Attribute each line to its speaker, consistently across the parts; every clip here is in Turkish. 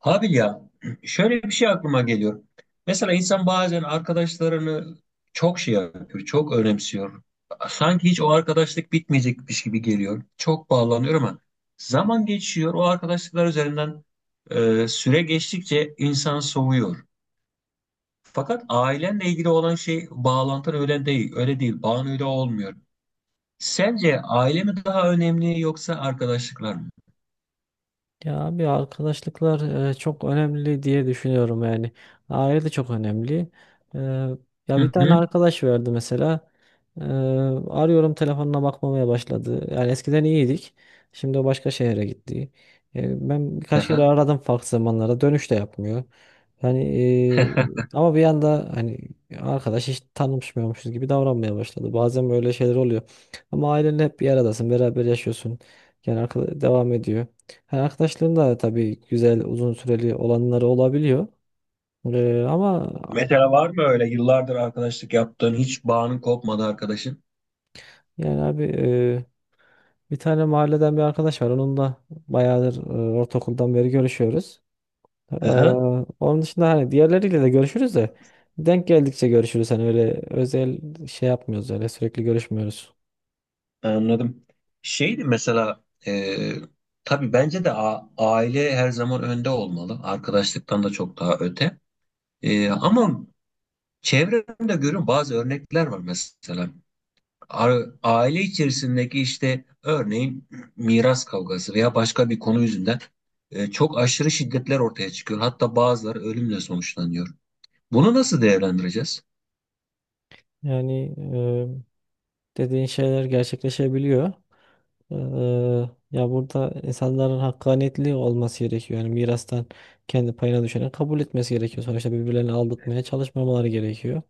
Speaker 1: Abi ya, şöyle bir şey aklıma geliyor. Mesela insan bazen arkadaşlarını çok şey yapıyor, çok önemsiyor. Sanki hiç o arkadaşlık bitmeyecekmiş gibi geliyor. Çok bağlanıyor ama zaman geçiyor. O arkadaşlıklar üzerinden süre geçtikçe insan soğuyor. Fakat ailenle ilgili olan şey bağlantın öyle değil. Öyle değil. Bağın öyle olmuyor. Sence aile mi daha önemli yoksa arkadaşlıklar mı?
Speaker 2: Ya abi arkadaşlıklar çok önemli diye düşünüyorum yani. Aile de çok önemli. E, Ya bir
Speaker 1: Hı
Speaker 2: tane
Speaker 1: hı.
Speaker 2: arkadaş verdi mesela. E, Arıyorum telefonuna bakmamaya başladı. Yani eskiden iyiydik. Şimdi o başka şehre gitti. Ben birkaç kere
Speaker 1: Aha.
Speaker 2: aradım farklı zamanlarda. Dönüş de yapmıyor. Yani ama bir anda hani arkadaş hiç tanışmıyormuşuz gibi davranmaya başladı. Bazen böyle şeyler oluyor. Ama ailenle hep bir aradasın, beraber yaşıyorsun. Yani arkadaş devam ediyor. Ha, arkadaşların da tabii güzel uzun süreli olanları olabiliyor. Ama
Speaker 1: Mesela var mı öyle yıllardır arkadaşlık yaptığın hiç bağının kopmadı arkadaşın?
Speaker 2: yani abi bir tane mahalleden bir arkadaş var. Onunla bayağıdır ortaokuldan beri görüşüyoruz. Ee,
Speaker 1: Hı hı,
Speaker 2: Onun dışında hani diğerleriyle de görüşürüz de denk geldikçe görüşürüz. Hani öyle özel şey yapmıyoruz, öyle sürekli görüşmüyoruz.
Speaker 1: anladım. Şeydi mesela, tabii bence de aile her zaman önde olmalı. Arkadaşlıktan da çok daha öte. Ama çevremde görüyorum bazı örnekler var mesela. Aile içerisindeki işte örneğin miras kavgası veya başka bir konu yüzünden çok aşırı şiddetler ortaya çıkıyor. Hatta bazıları ölümle sonuçlanıyor. Bunu nasıl değerlendireceğiz?
Speaker 2: Yani dediğin şeyler gerçekleşebiliyor. Eee, Ya burada insanların hakkaniyetli olması gerekiyor. Yani mirastan kendi payına düşeni kabul etmesi gerekiyor. Sonuçta birbirlerini aldatmaya çalışmamaları gerekiyor.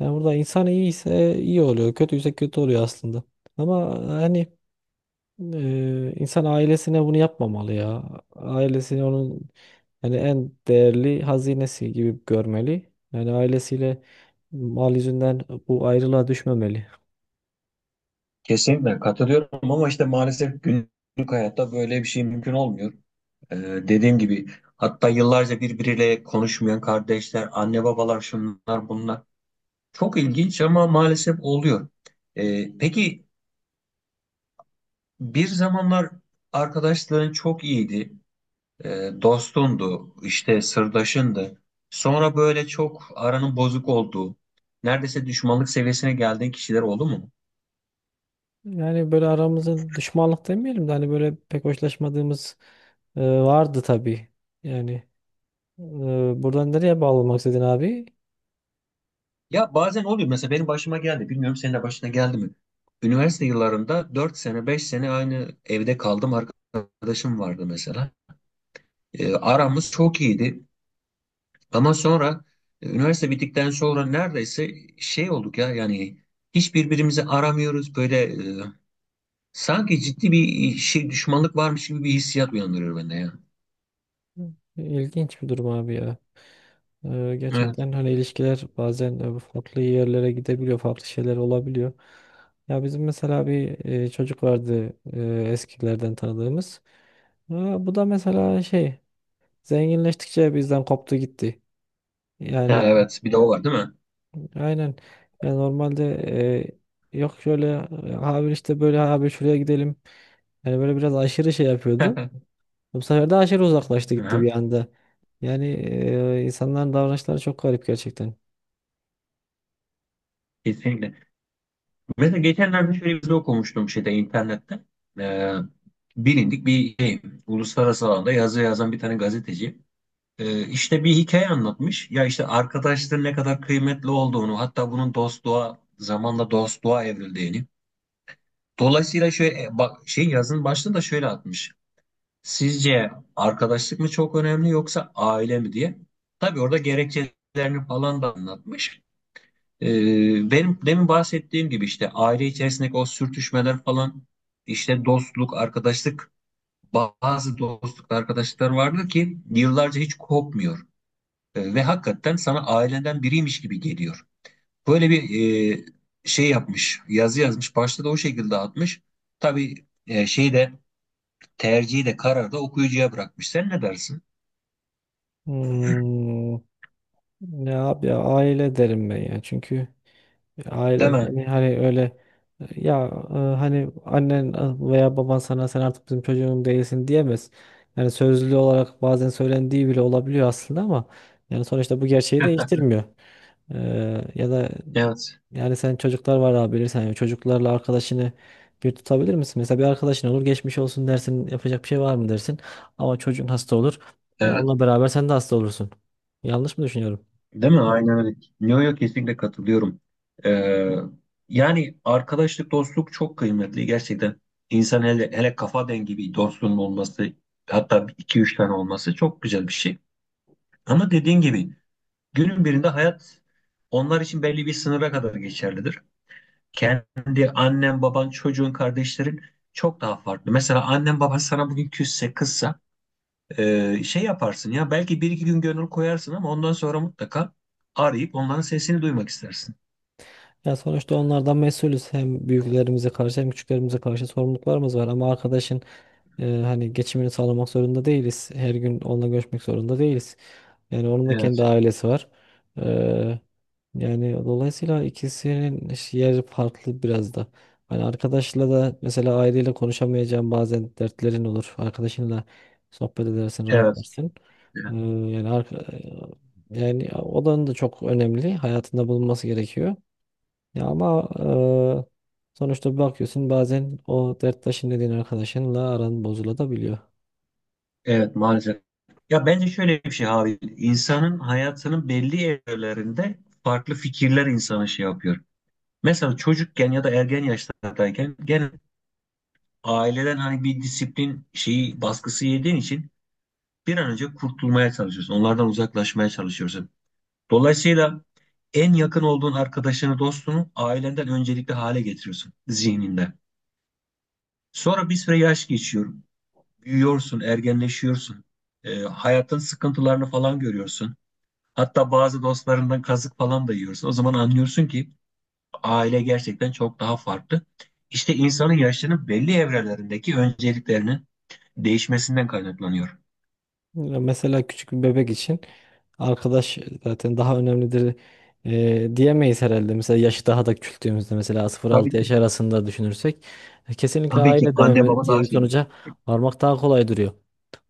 Speaker 2: Yani burada insan iyiyse iyi oluyor, kötüyse kötü oluyor aslında. Ama hani insan ailesine bunu yapmamalı ya. Ailesini onun yani en değerli hazinesi gibi görmeli. Yani ailesiyle mal yüzünden bu ayrılığa düşmemeli.
Speaker 1: Kesinlikle katılıyorum ama işte maalesef günlük hayatta böyle bir şey mümkün olmuyor. Ee, Dediğim gibi hatta yıllarca birbiriyle konuşmayan kardeşler, anne babalar, şunlar bunlar. Çok ilginç ama maalesef oluyor. Peki bir zamanlar arkadaşların çok iyiydi. Dostundu, işte sırdaşındı. Sonra böyle çok aranın bozuk olduğu, neredeyse düşmanlık seviyesine geldiğin kişiler oldu mu?
Speaker 2: Yani böyle aramızda düşmanlık demeyelim de hani böyle pek hoşlaşmadığımız vardı tabii. Yani e, buradan nereye bağlamak istedin abi?
Speaker 1: Ya bazen oluyor, mesela benim başıma geldi, bilmiyorum senin de başına geldi mi? Üniversite yıllarında 4 sene 5 sene aynı evde kaldım, arkadaşım vardı mesela. E, aramız çok iyiydi ama sonra, üniversite bittikten sonra neredeyse şey olduk ya yani, hiç birbirimizi aramıyoruz, böyle sanki ciddi bir şey düşmanlık varmış gibi bir hissiyat uyandırıyor bende ya.
Speaker 2: İlginç bir durum abi ya.
Speaker 1: Evet.
Speaker 2: Gerçekten hani ilişkiler bazen farklı yerlere gidebiliyor, farklı şeyler olabiliyor. Ya bizim mesela bir çocuk vardı eskilerden tanıdığımız. Bu da mesela şey zenginleştikçe bizden koptu gitti.
Speaker 1: Ha,
Speaker 2: Yani.
Speaker 1: evet, bir de o var değil mi?
Speaker 2: Aynen. Ya normalde yok şöyle abi işte böyle abi şuraya gidelim. Yani böyle biraz aşırı şey yapıyordu. Bu sefer de aşırı uzaklaştı, gitti
Speaker 1: Hı.
Speaker 2: bir anda. Yani insanların davranışları çok garip gerçekten.
Speaker 1: Kesinlikle. Mesela geçenlerde şöyle bir şey okumuştum şeyde, internette. Ee, Bilindik bir şey, uluslararası alanda yazı yazan bir tane gazeteci. İşte bir hikaye anlatmış. Ya işte arkadaşların ne kadar kıymetli olduğunu, hatta bunun dostluğa, zamanla dostluğa evrildiğini. Dolayısıyla şöyle, bak şey, yazının başlığını da şöyle atmış. Sizce arkadaşlık mı çok önemli yoksa aile mi diye. Tabii orada gerekçelerini falan da anlatmış. Benim demin bahsettiğim gibi işte aile içerisindeki o sürtüşmeler falan, işte dostluk, arkadaşlık, bazı dostluk, arkadaşlıklar vardır ki yıllarca hiç kopmuyor. Ve hakikaten sana ailenden biriymiş gibi geliyor. Böyle bir e, şey yapmış, yazı yazmış. Başta da o şekilde atmış. Tabii, şeyi de, tercihi de, kararı da okuyucuya bırakmış. Sen ne dersin?
Speaker 2: Hmm, Ne abi ya, aile derim ben ya. Çünkü
Speaker 1: Değil
Speaker 2: aile
Speaker 1: mi?
Speaker 2: seni hani öyle hani annen veya baban sana "sen artık bizim çocuğum değilsin" diyemez. Yani sözlü olarak bazen söylendiği bile olabiliyor aslında ama yani sonuçta bu gerçeği değiştirmiyor. Ya da
Speaker 1: Evet.
Speaker 2: yani sen, çocuklar var abi, bilirsen yani çocuklarla arkadaşını bir tutabilir misin? Mesela bir arkadaşın olur, geçmiş olsun dersin, yapacak bir şey var mı dersin, ama çocuğun hasta olur. Yani
Speaker 1: Evet.
Speaker 2: onunla beraber sen de hasta olursun. Yanlış mı düşünüyorum?
Speaker 1: Değil mi? Aynen öyle. Yo yo, kesinlikle katılıyorum. Ee, Yani arkadaşlık, dostluk çok kıymetli gerçekten. İnsan, hele hele kafa dengi bir dostluğun olması, hatta iki üç tane olması çok güzel bir şey. Ama dediğin gibi günün birinde hayat onlar için belli bir sınıra kadar geçerlidir. Kendi annen, baban, çocuğun, kardeşlerin çok daha farklı. Mesela annen baban sana bugün küsse, kızsa, şey yaparsın ya, belki bir iki gün gönül koyarsın ama ondan sonra mutlaka arayıp onların sesini duymak istersin.
Speaker 2: Ya sonuçta onlardan mesulüz. Hem büyüklerimize karşı hem küçüklerimize karşı sorumluluklarımız var. Ama arkadaşın hani geçimini sağlamak zorunda değiliz. Her gün onunla görüşmek zorunda değiliz. Yani onun da kendi
Speaker 1: Evet,
Speaker 2: ailesi var. Eee, Yani dolayısıyla ikisinin yeri farklı biraz da. Hani arkadaşla da mesela aileyle konuşamayacağın bazen dertlerin olur. Arkadaşınla sohbet edersin,
Speaker 1: evet,
Speaker 2: rahatlarsın. Eee,
Speaker 1: evet,
Speaker 2: Yani yani o da çok önemli. Hayatında bulunması gerekiyor. Ya ama sonuçta bir bakıyorsun, bazen o derttaşın dediğin arkadaşınla aran bozulabiliyor.
Speaker 1: evet maalesef. Ya bence şöyle bir şey abi, insanın hayatının belli evrelerinde farklı fikirler insana şey yapıyor. Mesela çocukken ya da ergen yaşlardayken, gene aileden hani bir disiplin şeyi, baskısı yediğin için bir an önce kurtulmaya çalışıyorsun. Onlardan uzaklaşmaya çalışıyorsun. Dolayısıyla en yakın olduğun arkadaşını, dostunu ailenden öncelikli hale getiriyorsun zihninde. Sonra bir süre yaş geçiyor. Büyüyorsun, ergenleşiyorsun. Hayatın sıkıntılarını falan görüyorsun. Hatta bazı dostlarından kazık falan da yiyorsun. O zaman anlıyorsun ki aile gerçekten çok daha farklı. İşte insanın yaşlarının belli evrelerindeki önceliklerinin değişmesinden kaynaklanıyor.
Speaker 2: Ya mesela küçük bir bebek için arkadaş zaten daha önemlidir diyemeyiz herhalde. Mesela yaşı daha da küçülttüğümüzde, mesela
Speaker 1: Tabii
Speaker 2: 0-6 yaş
Speaker 1: ki.
Speaker 2: arasında düşünürsek kesinlikle
Speaker 1: Tabii ki
Speaker 2: aile
Speaker 1: anne
Speaker 2: dememe
Speaker 1: baba
Speaker 2: diye
Speaker 1: daha
Speaker 2: bir
Speaker 1: şeydir.
Speaker 2: sonuca varmak daha kolay duruyor.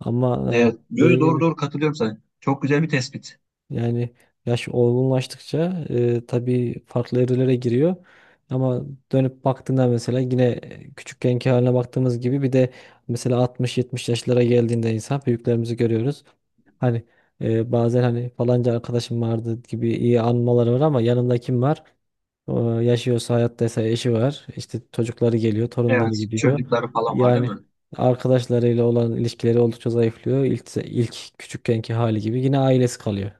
Speaker 2: Ama
Speaker 1: Evet. Yo, yo,
Speaker 2: dediğim
Speaker 1: doğru
Speaker 2: gibi,
Speaker 1: doğru, katılıyorum sana. Çok güzel bir tespit.
Speaker 2: yani yaş olgunlaştıkça tabii farklı evrelere giriyor. Ama dönüp baktığında, mesela yine küçükkenki haline baktığımız gibi, bir de mesela 60-70 yaşlara geldiğinde insan, büyüklerimizi görüyoruz. Hani bazen hani falanca arkadaşım vardı gibi iyi anmaları var, ama yanında kim var? O yaşıyorsa, hayattaysa, eşi var. İşte çocukları geliyor, torunları
Speaker 1: Evet,
Speaker 2: gidiyor.
Speaker 1: çocukları falan var değil
Speaker 2: Yani
Speaker 1: mi?
Speaker 2: arkadaşlarıyla olan ilişkileri oldukça zayıflıyor. İlk küçükkenki hali gibi yine ailesi kalıyor.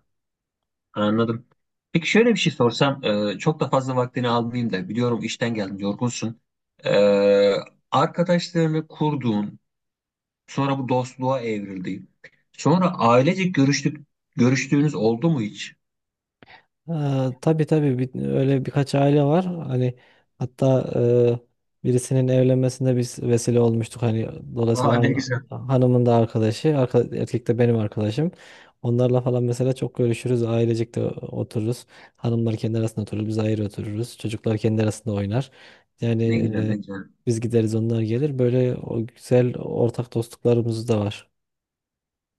Speaker 1: Anladım. Peki şöyle bir şey sorsam, çok da fazla vaktini almayayım da, biliyorum işten geldin, yorgunsun. E, Arkadaşlarını kurduğun, sonra bu dostluğa evrildi. Sonra ailecek görüştük, görüştüğünüz oldu mu hiç?
Speaker 2: Ee, tabii tabii, öyle birkaç aile var. Hani, hatta birisinin evlenmesinde biz vesile olmuştuk. Hani dolayısıyla
Speaker 1: Aa, ne güzel.
Speaker 2: hanımın da arkadaşı, erkek de benim arkadaşım. Onlarla falan mesela çok görüşürüz. Ailecek de otururuz. Hanımlar kendi arasında oturur, biz ayrı otururuz. Çocuklar kendi arasında oynar. Yani
Speaker 1: Ne güzel, ne güzel.
Speaker 2: biz gideriz, onlar gelir. Böyle o güzel ortak dostluklarımız da var.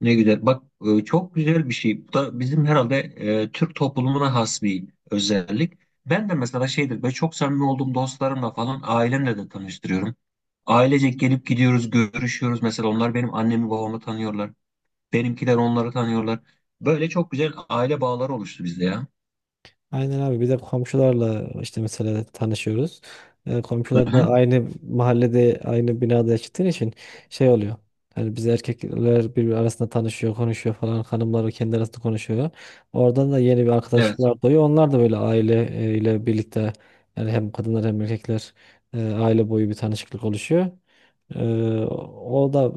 Speaker 1: Ne güzel. Bak, çok güzel bir şey. Bu da bizim herhalde Türk toplumuna has bir özellik. Ben de mesela şeydir, ben çok samimi olduğum dostlarımla falan ailemle de tanıştırıyorum. Ailecek gelip gidiyoruz, görüşüyoruz. Mesela onlar benim annemi babamı tanıyorlar. Benimkiler onları tanıyorlar. Böyle çok güzel aile bağları oluştu bizde ya.
Speaker 2: Aynen abi, bir de komşularla işte mesela tanışıyoruz.
Speaker 1: Hı
Speaker 2: Komşular da
Speaker 1: hı.
Speaker 2: aynı mahallede aynı binada yaşadığın için şey oluyor. Hani biz erkekler birbiri arasında tanışıyor, konuşuyor falan. Hanımlar kendi arasında konuşuyor. Oradan da yeni bir
Speaker 1: Evet.
Speaker 2: arkadaşlıklar doğuyor. Onlar da böyle aile ile birlikte, yani hem kadınlar hem erkekler aile boyu bir tanışıklık oluşuyor. Ee, o da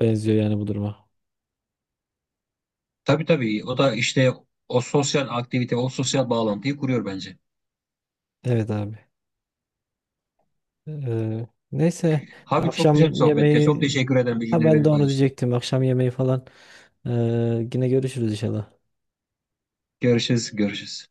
Speaker 2: benziyor yani bu duruma.
Speaker 1: Tabii tabii. O da işte o sosyal aktivite, o sosyal bağlantıyı kuruyor bence.
Speaker 2: Evet abi. Ee, Neyse,
Speaker 1: Abi çok güzel bir
Speaker 2: akşam
Speaker 1: sohbetti. Çok
Speaker 2: yemeği,
Speaker 1: teşekkür ederim,
Speaker 2: ha
Speaker 1: bilgileri
Speaker 2: ben de
Speaker 1: benimle
Speaker 2: onu
Speaker 1: paylaştın.
Speaker 2: diyecektim. Akşam yemeği falan yine görüşürüz inşallah.
Speaker 1: Görüşürüz, görüşürüz.